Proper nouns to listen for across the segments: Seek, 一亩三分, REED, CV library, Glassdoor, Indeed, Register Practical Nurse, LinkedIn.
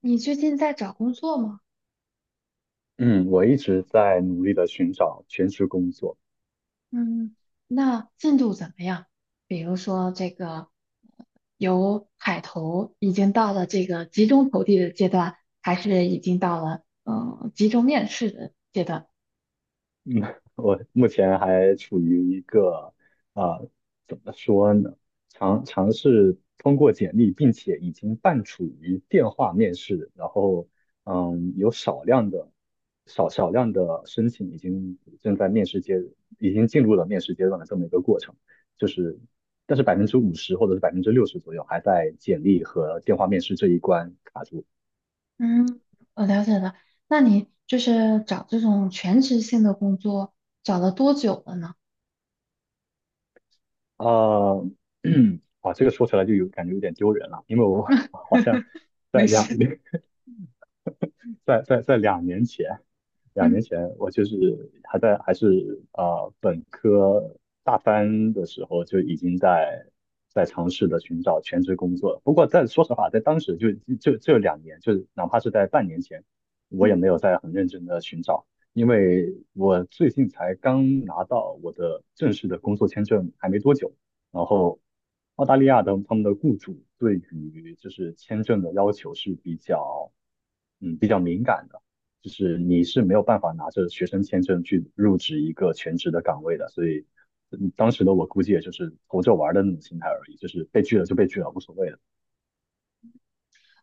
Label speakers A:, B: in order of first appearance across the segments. A: 你最近在找工作吗？
B: 嗯，我一直在努力的寻找全职工作。
A: 嗯，那进度怎么样？比如说这个由海投已经到了这个集中投递的阶段，还是已经到了集中面试的阶段？
B: 嗯，我目前还处于一个啊、呃怎么说呢？尝试通过简历，并且已经半处于电话面试，然后嗯，有少量的少量的申请已经正在面试阶，已经进入了面试阶段的这么一个过程。就是，但是百分之五十或者是百分之六十左右还在简历和电话面试这一关卡住。
A: 嗯，我了解了。那你就是找这种全职性的工作，找了多久了呢？
B: 呃，啊，这个说起来就有感觉有点丢人了，因为我好像 在
A: 没
B: 两
A: 事。
B: 在在在两年前，两
A: 嗯
B: 年前我就是还在还是本科大三的时候就已经在尝试的寻找全职工作了。不过在说实话，在当时就这两年，就是哪怕是在半年前，我也
A: 嗯。
B: 没有在很认真的寻找，因为我最近才刚拿到我的正式的工作签证，还没多久。然后澳大利亚的他们的雇主对于就是签证的要求是比较比较敏感的，就是你是没有办法拿着学生签证去入职一个全职的岗位的，所以嗯当时的我估计也就是投着玩儿的那种心态而已，就是被拒了就被拒了，无所谓了。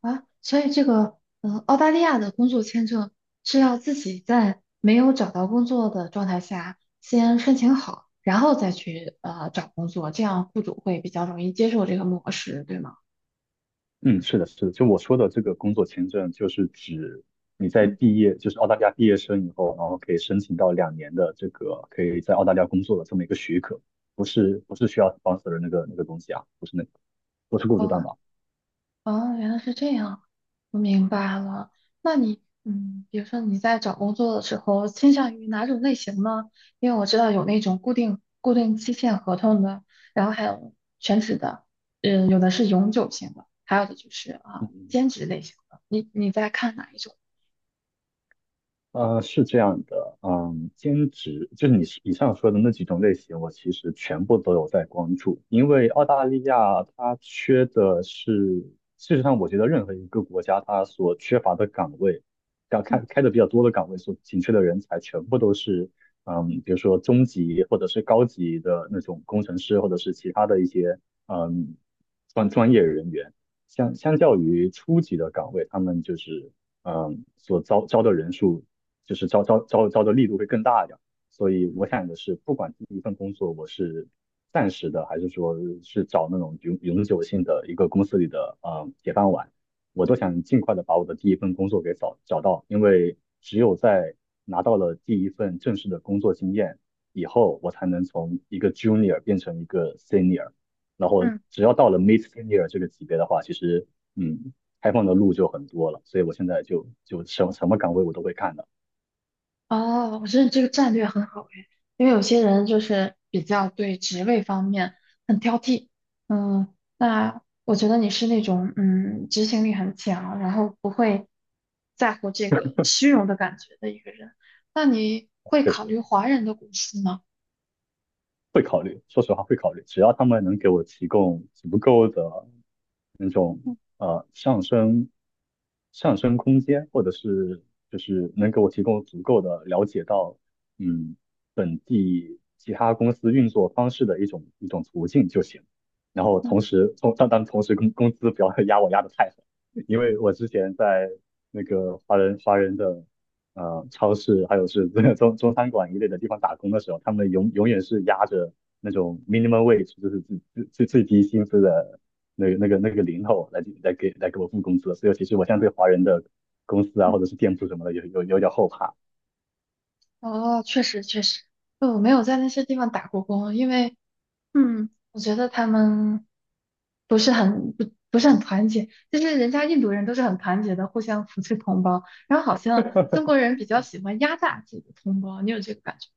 A: 啊，所以这个澳大利亚的工作签证是要自己在没有找到工作的状态下先申请好，然后再去找工作，这样雇主会比较容易接受这个模式，对吗？
B: 嗯，是的，是的，就我说的这个工作签证，就是指你在
A: 嗯，
B: 毕业，就是澳大利亚毕业生以后，然后可以申请到两年的这个可以在澳大利亚工作的这么一个许可，不是需要 sponsor 的那个东西啊，不是那个，不是雇主担
A: 哦，
B: 保。
A: 哦，原来是这样，我明白了。那你，比如说你在找工作的时候，倾向于哪种类型呢？因为我知道有那种固定期限合同的，然后还有全职的，有的是永久性的，还有的就是
B: 嗯
A: 啊，
B: 嗯
A: 兼职类型的。你在看哪一种？
B: 是这样的，嗯，兼职就是你以上说的那几种类型，我其实全部都有在关注，因为澳大利亚它缺的是，事实上我觉得任何一个国家它所缺乏的岗位，要开的比较多的岗位所紧缺的人才，全部都是，嗯，比如说中级或者是高级的那种工程师，或者是其他的一些，嗯，专业人员，相较于初级的岗位，他们就是。嗯，所招的人数就是招的力度会更大一点。所以我想的是，不管第一份工作我是暂时的，还是说是找那种永久性的一个公司里的铁饭碗，我都想尽快的把我的第一份工作给找到，因为只有在拿到了第一份正式的工作经验以后，我才能从一个 junior 变成一个 senior，然后
A: 嗯
B: 只要到了 mid senior 这个级别的话，其实嗯，开放的路就很多了，所以我现在就什么什么岗位我都会看的。
A: 哦，我觉得这个战略很好诶，因为有些人就是比较对职位方面很挑剔，嗯，那我觉得你是那种执行力很强，然后不会在乎这个虚荣的感觉的一个人。那你会
B: 确
A: 考虑
B: 实
A: 华人的公司吗？
B: 会考虑，说实话会考虑，只要他们能给我提供足够的那种上升空间，或者是就是能给我提供足够的了解到嗯本地其他公司运作方式的一种途径就行。然后
A: 嗯
B: 同时，但同时工资不要 压我压得太狠，因为我之前在那个华人的超市，还有是这个中餐馆一类的地方打工的时候，他们永远是压着那种 minimum wage，就是最低薪资的那个零头来给我付工资的，所以其实我现在对华人的公司啊，
A: 嗯，
B: 或者是店铺什么的，有点后怕。
A: 哦，确实确实，我没有在那些地方打过工，因为我觉得他们不是很团结，就是人家印度人都是很团结的，互相扶持同胞，然后好像中国人比较喜欢压榨自己的同胞，你有这个感觉？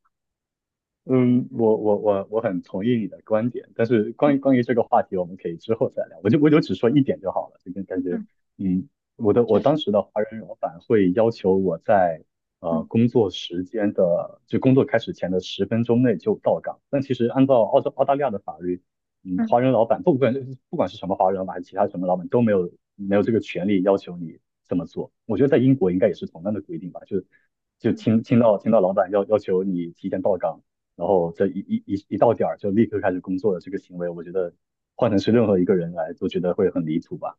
B: 嗯，我很同意你的观点，但是
A: 嗯
B: 关于这个话题，我们可以之后再聊。我就只说一
A: 嗯
B: 点就好了，这个感觉，
A: 嗯，
B: 嗯，我
A: 确
B: 当
A: 实，
B: 时的华人老板会要求我在
A: 嗯
B: 工作时间的工作开始前的十分钟内就到岗，但其实按照澳大利亚的法律，嗯，
A: 嗯
B: 华人老板不管不管是什么华人老板还是其他什么老板都没有这个权利要求你这么做。我觉得在英国应该也是同样的规定吧，
A: 嗯，
B: 听听到老板要求你提前到岗。然后这一到点儿就立刻开始工作的这个行为，我觉得换成是任何一个人来都觉得会很离谱吧。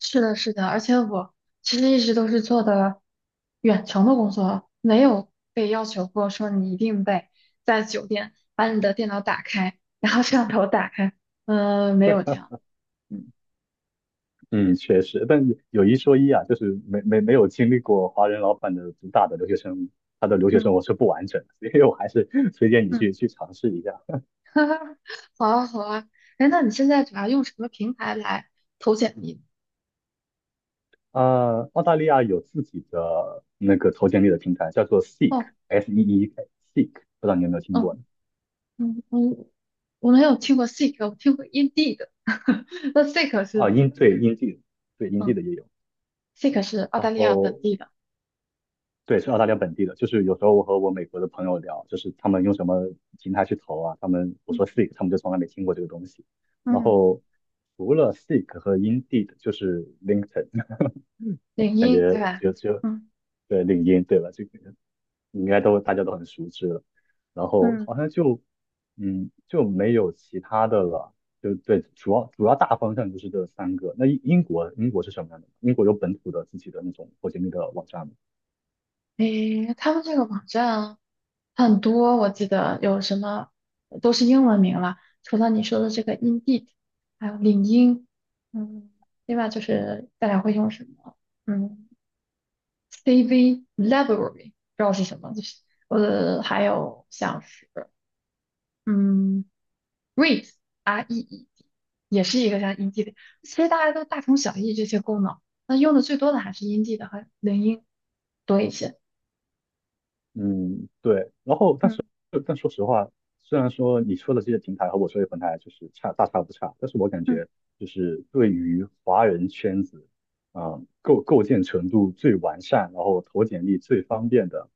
A: 是的，是的，而且我其实一直都是做的远程的工作，没有被要求过说你一定得在酒店把你的电脑打开，然后摄像头打开，没有这样，嗯
B: 嗯确实，但有一说一啊，就是没有经历过华人老板的主打的留学生，他的留学生
A: 嗯
B: 活是不完整的，所以我还是 推荐你
A: 嗯。
B: 去尝试一下。
A: 哈哈，好啊，好啊。哎，那你现在主要用什么平台来投简历？
B: 呃，澳大利亚有自己的那个投简历的平台，叫做
A: 哦，
B: Seek，S E E K，Seek，不知道你有没有听过
A: 嗯
B: 呢？
A: 嗯嗯，我没有听过 Seek，我听过 Indeed。那 Seek
B: 啊，
A: 是，
B: 英地，对英地
A: 嗯
B: 的也有。
A: ，Seek 是澳
B: 然
A: 大利亚本
B: 后
A: 地的，
B: 对，是澳大利亚本地的。就是有时候我和我美国的朋友聊，就是他们用什么平台去投啊，他们我
A: 嗯
B: 说 Seek，他们就从来没听过这个东西。然
A: 嗯，
B: 后除了 Seek 和 Indeed，就是 LinkedIn，
A: 领
B: 感
A: 英
B: 觉
A: 对吧？嗯
B: 对领英对吧？这个应该都大家都很熟知了。然后
A: 嗯，
B: 好像就嗯就没有其他的了。就对，主要大方向就是这三个。那英国是什么样的？英国有本土的自己的那种或者那个网站吗？
A: 诶，他们这个网站很多，我记得有什么都是英文名了，除了你说的这个 Indeed，还有领英，嗯，另外就是大家会用什么？嗯。CV library，不知道是什么，就是还有像是嗯，Read Reed，也是一个像音 n 的，其实大家都大同小异这些功能，那用的最多的还是音 n 的和领音多一些。
B: 嗯，对。然后，但是，
A: 嗯
B: 但说实话，虽然说你说的这些平台和我说的平台就是差大差不差，但是我感
A: 嗯
B: 觉就是对于华人圈子，构建程度最完善，然后投简历最方便的，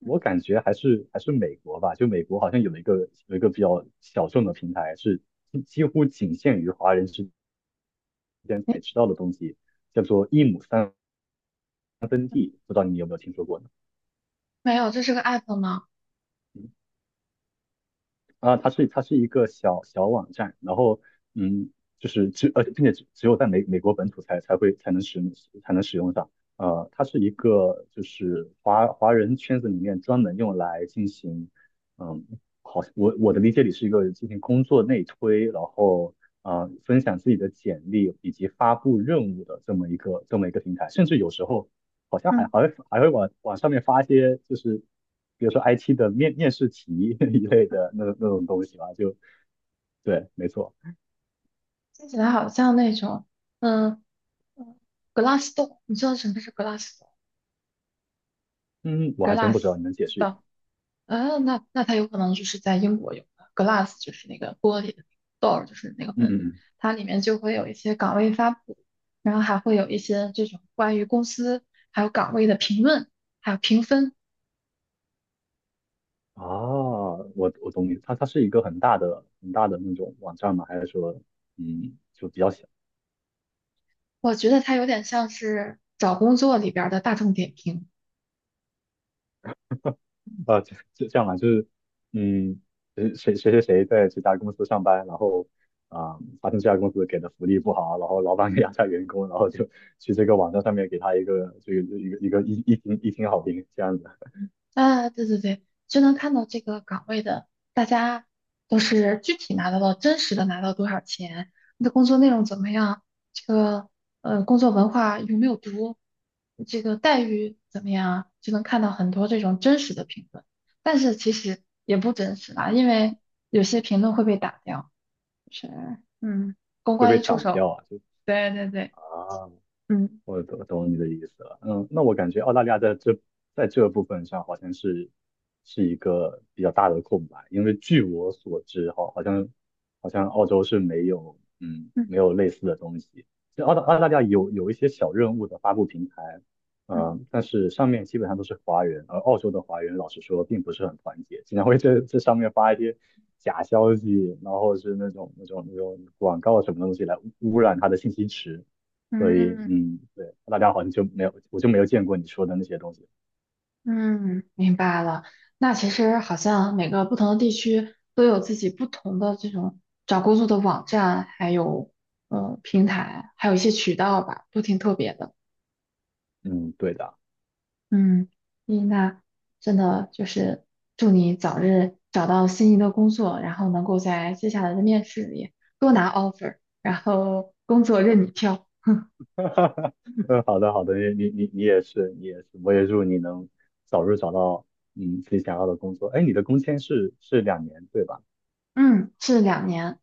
A: 嗯，
B: 我感觉还是美国吧。就美国好像有一个比较小众的平台，是几乎仅限于华人之间
A: 诶，
B: 才知道的东西，叫做一亩三分，不知道你有没有听说过呢？
A: 没有，这是个 app 吗？
B: 啊，它是一个小网站，然后嗯，就是只呃，并且只只有在美国本土才能使用上。呃，它是一个就是华人圈子里面专门用来进行，嗯，好像，我的理解里是一个进行工作内推，然后呃分享自己的简历以及发布任务的这么一个平台，甚至有时候好像
A: 嗯
B: 还会往上面发一些，就是比如说 IT 的面试题 一类
A: 嗯，
B: 的那种东西吧，就对，没错。
A: 听起来好像那种嗯嗯，Glassdoor，你知道什么是
B: 嗯，我还真不知
A: Glassdoor？Glass
B: 道，你能解释一下吗？
A: 的，那它有可能就是在英国有 glass 就是那个 door，就是那个
B: 嗯
A: 门，
B: 嗯嗯。
A: 它里面就会有一些岗位发布，然后还会有一些这种关于公司还有岗位的评论，还有评分。
B: 啊，我懂你，它是一个很大的那种网站吗？还是说，嗯，就比较小？
A: 我觉得它有点像是找工作里边儿的大众点评。
B: 啊，这样吧，就是，嗯，谁在这家公司上班，然后啊、发现这家公司给的福利不好，然后老板给压榨员工，然后就去这个网站上面给他一个这个一个一个一一星好评，这样子
A: 啊，对对对，就能看到这个岗位的，大家都是具体拿到了真实的拿到多少钱，你的工作内容怎么样，这个工作文化有没有毒，这个待遇怎么样啊就能看到很多这种真实的评论。但是其实也不真实啦，因为有些评论会被打掉。是，嗯，公
B: 会
A: 关
B: 被
A: 一出
B: 挡
A: 手，
B: 掉啊，就
A: 对对对，
B: 啊，
A: 嗯
B: 我懂你的意思了。嗯，那我感觉澳大利亚在这部分上好像是一个比较大的空白，因为据我所知，哈，好像澳洲是没有
A: 嗯
B: 没有类似的东西。其实澳大利亚有一些小任务的发布平台，
A: 嗯
B: 呃，但是上面基本上都是华人，而澳洲的华人老实说并不是很团结，经常会这上面发一些假消息，然后是那种广告什么东西来污染他的信息池。所以
A: 嗯。
B: 嗯，对，大家好像就没有，我就没有见过你说的那些东西。
A: 嗯，明白了。那其实好像每个不同的地区都有自己不同的这种找工作的网站，还有平台，还有一些渠道吧，都挺特别的。
B: 嗯，对的
A: 嗯，伊娜，真的就是祝你早日找到心仪的工作，然后能够在接下来的面试里多拿 offer，然后工作任你挑。
B: 嗯，好的好的，你也是，你也是，我也祝你能早日找到嗯自己想要的工作。哎，你的工签是两年对吧？
A: 嗯，是2年。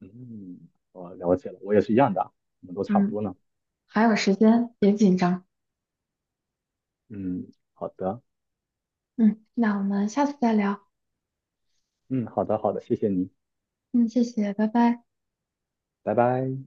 B: 嗯，我了解了，我也是一样的，我们都差不
A: 嗯，
B: 多呢。
A: 还有时间，别紧张。
B: 嗯，好的，
A: 嗯，那我们下次再聊。
B: 嗯，好的好的，谢谢你，
A: 嗯，谢谢，拜拜。
B: 拜拜。